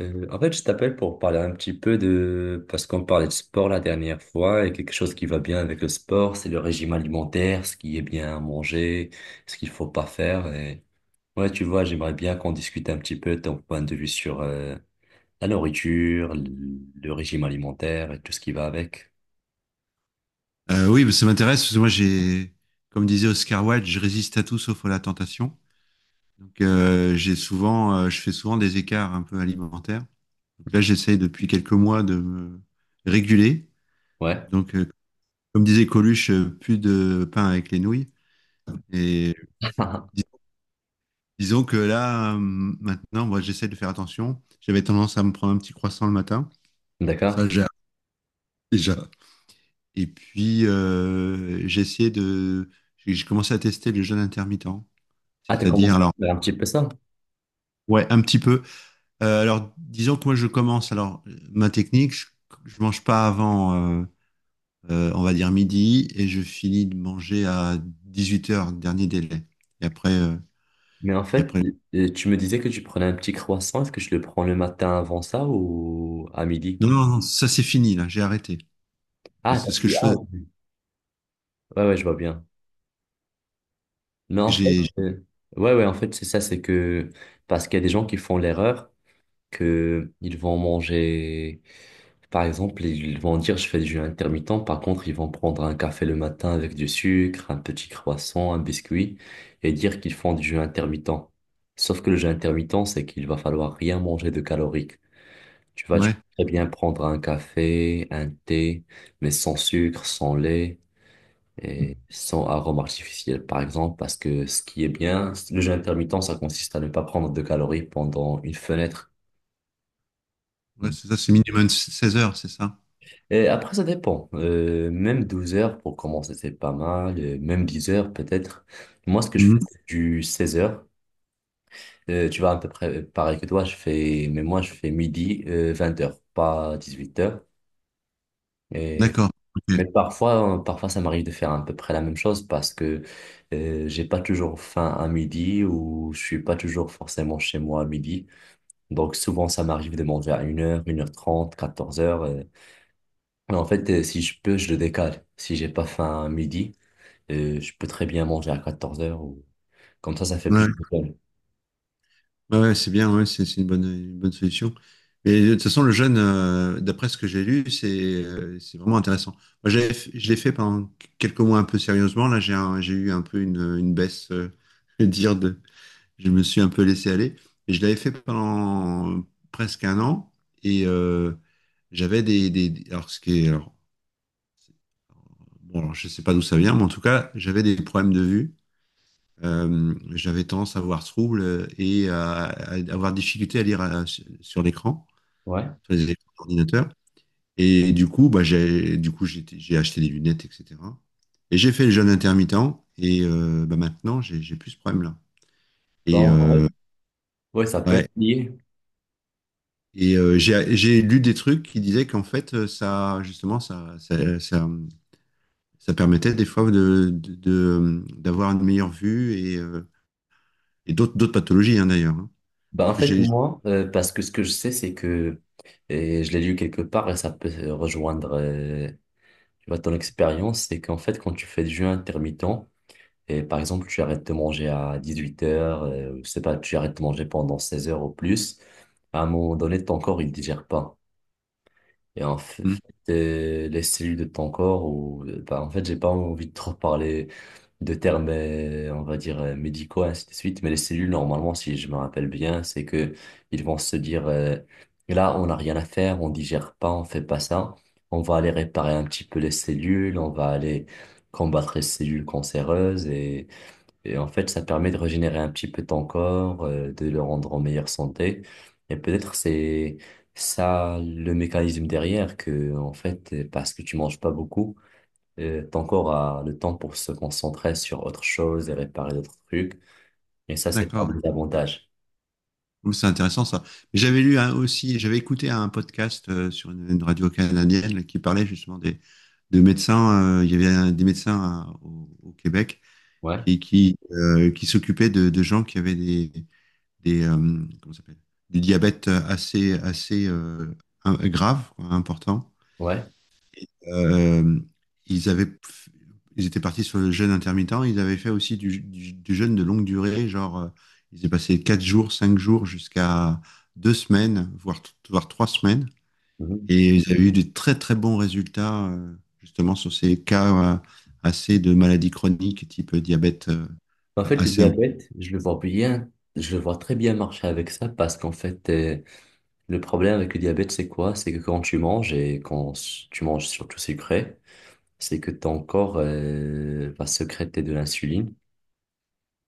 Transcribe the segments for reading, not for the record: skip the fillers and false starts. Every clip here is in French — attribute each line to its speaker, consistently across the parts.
Speaker 1: En fait, je t'appelle pour parler un petit peu Parce qu'on parlait de sport la dernière fois, et quelque chose qui va bien avec le sport, c'est le régime alimentaire, ce qui est bien à manger, ce qu'il faut pas faire. Ouais, tu vois, j'aimerais bien qu'on discute un petit peu de ton point de vue sur la nourriture, le régime alimentaire et tout ce qui va avec.
Speaker 2: Oui, ça m'intéresse parce que moi j'ai, comme disait Oscar Wilde, je résiste à tout sauf à la tentation. Donc je fais souvent des écarts un peu alimentaires. Donc là j'essaye depuis quelques mois de me réguler.
Speaker 1: Ouais.
Speaker 2: Donc comme disait Coluche, plus de pain avec les nouilles. Et dis- disons que là maintenant, moi j'essaie de faire attention. J'avais tendance à me prendre un petit croissant le matin.
Speaker 1: D'accord.
Speaker 2: Ça j'ai déjà. Et puis j'ai commencé à tester le jeûne intermittent,
Speaker 1: Ah, t'as
Speaker 2: c'est-à-dire
Speaker 1: commencé à
Speaker 2: alors
Speaker 1: faire un petit peu ça.
Speaker 2: ouais, un petit peu. Alors, disons que moi, je commence. Alors, ma technique, je mange pas avant, on va dire midi, et je finis de manger à 18 heures dernier délai. Et après,
Speaker 1: Mais en
Speaker 2: et
Speaker 1: fait,
Speaker 2: après.
Speaker 1: tu me disais que tu prenais un petit croissant. Est-ce que je le prends le matin avant ça ou à midi?
Speaker 2: Non, non, non, ça c'est fini là. J'ai arrêté. Mais
Speaker 1: Ah, t'as
Speaker 2: c'est ce que
Speaker 1: pris.
Speaker 2: je
Speaker 1: Ah,
Speaker 2: faisais,
Speaker 1: ok. Ouais, ouais, je vois bien. Mais
Speaker 2: parce que
Speaker 1: en fait,
Speaker 2: j'ai,
Speaker 1: euh, ouais, ouais, en fait, c'est ça, c'est que parce qu'il y a des gens qui font l'erreur que ils vont manger, par exemple, ils vont dire je fais du jeûne intermittent, par contre, ils vont prendre un café le matin avec du sucre, un petit croissant, un biscuit et dire qu'ils font du jeûne intermittent. Sauf que le jeûne intermittent, c'est qu'il va falloir rien manger de calorique. Tu vois, tu
Speaker 2: ouais,
Speaker 1: peux très
Speaker 2: c'est ça.
Speaker 1: bien prendre un café, un thé, mais sans sucre, sans lait, et sans arôme artificiel, par exemple, parce que ce qui est bien, le jeûne intermittent, ça consiste à ne pas prendre de calories pendant une fenêtre.
Speaker 2: Ouais, c'est ça. C'est minimum 16 heures, c'est ça.
Speaker 1: Et après, ça dépend. Même 12 heures pour commencer, c'est pas mal. Même 10 heures, peut-être. Moi, ce que je fais,
Speaker 2: Mhm.
Speaker 1: c'est du 16 heures. Tu vois, à peu près pareil que toi, je fais, mais moi, je fais midi, 20h heures, pas 18 heures. Et
Speaker 2: D'accord.
Speaker 1: Mais
Speaker 2: Ok.
Speaker 1: parfois ça m'arrive de faire à peu près la même chose parce que j'ai pas toujours faim à midi ou je suis pas toujours forcément chez moi à midi. Donc souvent ça m'arrive de manger à 1 heure, 1 heure 30, 14 heures . Mais en fait, si je peux, je le décale. Si j'ai pas faim à midi, je peux très bien manger à 14 heures ou comme ça fait plus
Speaker 2: Ouais.
Speaker 1: de temps.
Speaker 2: Ouais, ouais, c'est bien, ouais, c'est une bonne solution. Mais de toute façon, le jeûne, d'après ce que j'ai lu, c'est vraiment intéressant. Moi, je l'ai fait pendant quelques mois un peu sérieusement. Là, j'ai eu un peu une baisse, je veux dire, de, je me suis un peu laissé aller. Et je l'avais fait pendant presque un an. Et j'avais alors, ce qui est... Alors, bon, alors, je sais pas d'où ça vient, mais en tout cas, j'avais des problèmes de vue. J'avais tendance à avoir ce trouble, et à avoir difficulté à lire, sur l'écran,
Speaker 1: Ouais.
Speaker 2: sur les écrans d'ordinateur. Et du coup, bah, du coup, j'ai acheté des lunettes, etc. Et j'ai fait le jeûne intermittent et bah, maintenant, j'ai plus ce problème-là.
Speaker 1: Bah,
Speaker 2: Et,
Speaker 1: en vrai, ouais, ça peut
Speaker 2: ouais,
Speaker 1: être lié.
Speaker 2: et j'ai lu des trucs qui disaient qu'en fait, ça, justement, ça permettait des fois d'avoir une meilleure vue, et d'autres pathologies, hein, d'ailleurs, hein.
Speaker 1: Bah, en
Speaker 2: Parce que
Speaker 1: fait,
Speaker 2: j'ai...
Speaker 1: moi, parce que ce que je sais, c'est que et je l'ai lu quelque part et ça peut rejoindre, tu vois, ton expérience, c'est qu'en fait, quand tu fais du jeûne intermittent, et par exemple, tu arrêtes de manger à 18h, je sais pas, tu arrêtes de manger pendant 16 heures ou plus, à un moment donné, ton corps, il digère pas. Et en fait,
Speaker 2: Hmm.
Speaker 1: les cellules de ton corps, ou, bah, en fait, j'ai pas envie de trop parler de termes, on va dire, médicaux, ainsi de suite. Mais les cellules, normalement, si je me rappelle bien, c'est que ils vont se dire, là, on n'a rien à faire, on digère pas, on fait pas ça. On va aller réparer un petit peu les cellules, on va aller combattre les cellules cancéreuses et en fait, ça permet de régénérer un petit peu ton corps, de le rendre en meilleure santé. Et peut-être c'est ça le mécanisme derrière que, en fait, parce que tu manges pas beaucoup, ton corps a le temps pour se concentrer sur autre chose et réparer d'autres trucs. Et ça, c'est
Speaker 2: D'accord.
Speaker 1: parmi les avantages.
Speaker 2: Ouh, c'est intéressant ça. J'avais lu aussi, j'avais écouté un podcast, sur une radio canadienne là, qui parlait justement des de médecins. Il y avait des médecins, au Québec,
Speaker 1: Ouais,
Speaker 2: qui s'occupaient de gens qui avaient des, des euh, comment ça s'appelle, du diabète assez assez grave quoi, important,
Speaker 1: ouais.
Speaker 2: euh, ils avaient, ils étaient partis sur le jeûne intermittent. Ils avaient fait aussi du jeûne de longue durée, genre, ils ont passé 4 jours, 5 jours jusqu'à 2 semaines, voire, voire 3 semaines.
Speaker 1: Mhm.
Speaker 2: Et ils avaient eu des très très bons résultats, justement sur ces cas, assez de maladies chroniques, type diabète,
Speaker 1: En fait, le
Speaker 2: assez important.
Speaker 1: diabète, je le vois bien, je le vois très bien marcher avec ça parce qu'en fait, le problème avec le diabète, c'est quoi? C'est que quand tu manges et tu manges surtout sucré, c'est que ton corps, va sécréter de l'insuline.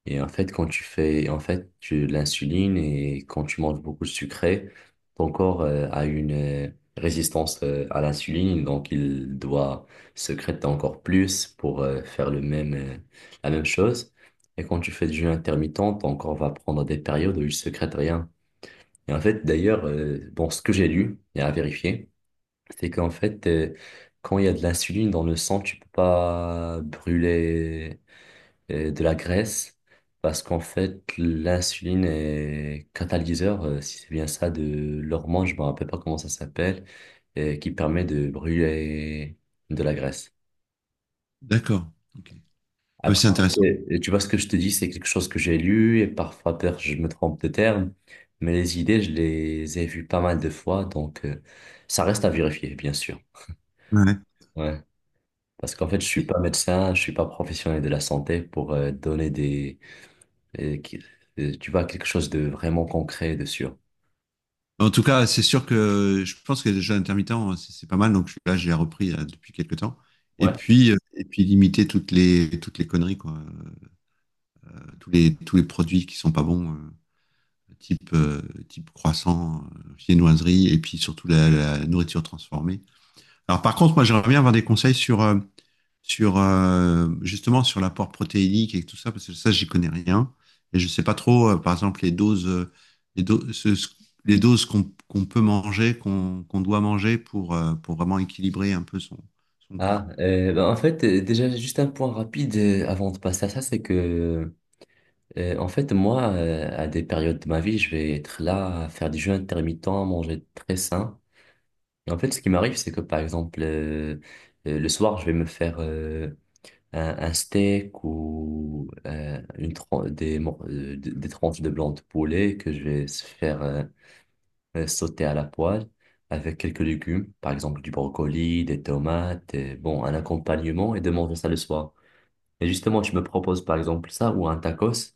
Speaker 1: Et en fait, quand tu fais, en fait, tu l'insuline et quand tu manges beaucoup de sucré, ton corps a une résistance à l'insuline, donc il doit sécréter encore plus pour faire la même chose. Et quand tu fais du jeûne intermittent, ton corps va prendre des périodes où il sécrète rien. Et en fait, d'ailleurs, bon, ce que j'ai lu et à vérifier, c'est qu'en fait, quand il y a de l'insuline dans le sang, tu peux pas brûler de la graisse parce qu'en fait, l'insuline est catalyseur, si c'est bien ça, de l'hormone, je ne me rappelle pas comment ça s'appelle, qui permet de brûler de la graisse.
Speaker 2: D'accord. Ok. Ah, mais
Speaker 1: Après,
Speaker 2: c'est intéressant.
Speaker 1: tu vois ce que je te dis, c'est quelque chose que j'ai lu et parfois peut-être je me trompe de terme, mais les idées, je les ai vues pas mal de fois, donc ça reste à vérifier, bien sûr.
Speaker 2: Ouais.
Speaker 1: Ouais. Parce qu'en fait, je suis pas médecin, je suis pas professionnel de la santé pour donner des et qui- tu vois, quelque chose de vraiment concret, de sûr.
Speaker 2: En tout cas, c'est sûr que je pense que les jeux intermittents, c'est pas mal. Donc là, je l'ai repris là, depuis quelques temps. Et
Speaker 1: Ouais.
Speaker 2: puis, euh, et puis limiter toutes les conneries, quoi. Tous les produits qui sont pas bons, type, type croissant, viennoiserie, et puis surtout la nourriture transformée. Alors par contre, moi j'aimerais bien avoir des conseils sur, sur justement sur l'apport protéinique et tout ça, parce que ça, j'y connais rien. Et je sais pas trop, par exemple, les doses, les do- ce- ce- les doses qu'on peut manger, qu'on doit manger pour vraiment équilibrer un peu son, corps.
Speaker 1: Ah, ben, en fait, déjà, juste un point rapide avant de passer à ça, c'est que, en fait, moi, à des périodes de ma vie, je vais être là à faire du jeûne intermittent, à manger très sain. Et en fait, ce qui m'arrive, c'est que, par exemple, le soir, je vais me faire un steak ou une tran- des, mor- des tranches de blanc de poulet que je vais se faire sauté à la poêle avec quelques légumes, par exemple du brocoli, des tomates, et, bon, un accompagnement et de manger ça le soir. Et justement, tu me proposes par exemple ça ou un tacos.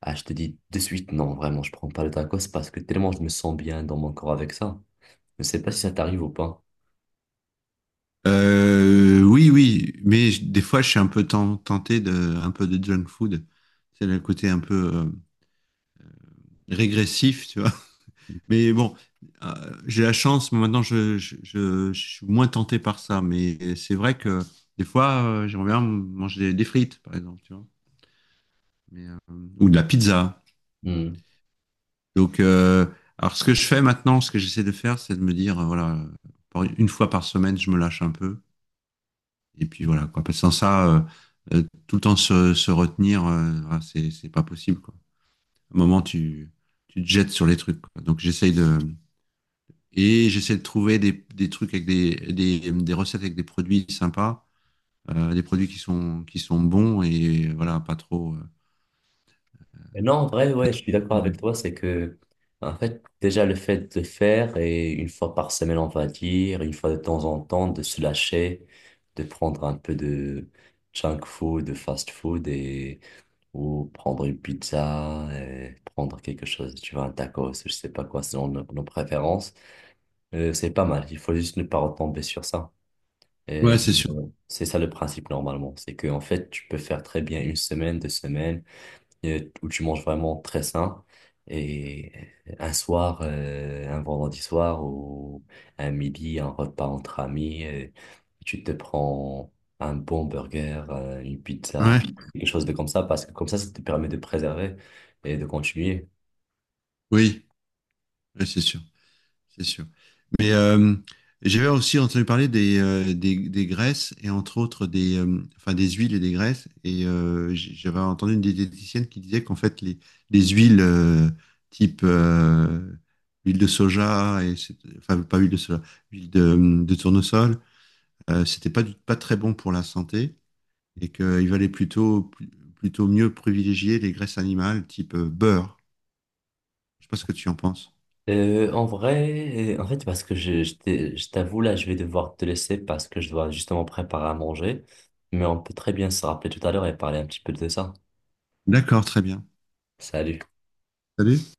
Speaker 1: Ah, je te dis de suite, non, vraiment, je prends pas le tacos parce que tellement je me sens bien dans mon corps avec ça. Je ne sais pas si ça t'arrive ou pas.
Speaker 2: Oui, oui, mais des fois, je suis un peu tenté de, un peu de junk food. C'est le côté un peu, régressif, tu vois. Mais bon, euh, j'ai la chance, moi, maintenant je suis moins tenté par ça, mais c'est vrai que des fois, j'aimerais bien manger des frites, par exemple, tu vois, mais, ou de la pizza.
Speaker 1: Hmm.
Speaker 2: Donc, alors ce que je fais maintenant, ce que j'essaie de faire, c'est de me dire, voilà, une fois par semaine, je me lâche un peu, et puis voilà, quoi. Parce que sans ça, tout le temps se retenir, voilà, c'est pas possible, quoi. À un moment, tu te jettes sur les trucs, quoi. Donc, j'essaie de trouver des, trucs avec des, des recettes avec des produits sympas, des produits qui sont bons, et voilà, pas trop.
Speaker 1: Et non, en vrai, ouais, je suis d'accord
Speaker 2: Ouais,
Speaker 1: avec toi, c'est que, en fait, déjà le fait de faire, et une fois par semaine, on va dire, une fois de temps en temps, de se lâcher, de prendre un peu de junk food, de fast food, et, ou prendre une pizza, et prendre quelque chose, tu vois, un tacos, je sais pas quoi, selon nos, nos préférences, c'est pas mal, il faut juste ne pas retomber sur ça.
Speaker 2: ouais,
Speaker 1: Et
Speaker 2: c'est sûr.
Speaker 1: c'est ça le principe normalement, c'est que, en fait, tu peux faire très bien une semaine, deux semaines, où tu manges vraiment très sain. Et un soir, un vendredi soir ou un midi, un repas entre amis, et tu te prends un bon burger, une pizza,
Speaker 2: Ouais,
Speaker 1: quelque chose de comme ça, parce que comme ça te permet de préserver et de continuer.
Speaker 2: oui, ouais, c'est sûr, c'est sûr. Mais j'avais aussi entendu parler des graisses, et entre autres des, enfin, des huiles et des graisses. Et j'avais entendu une diététicienne qui disait qu'en fait, les huiles, type huile de soja, et enfin, pas huile de soja, huile de tournesol, c'était pas très bon pour la santé, et qu'il valait plutôt, plutôt mieux privilégier les graisses animales, type, beurre. Je sais pas ce que tu en penses.
Speaker 1: En vrai, en fait, parce que je t'avoue, là, je vais devoir te laisser parce que je dois justement préparer à manger, mais on peut très bien se rappeler tout à l'heure et parler un petit peu de ça.
Speaker 2: D'accord, très bien.
Speaker 1: Salut.
Speaker 2: Salut.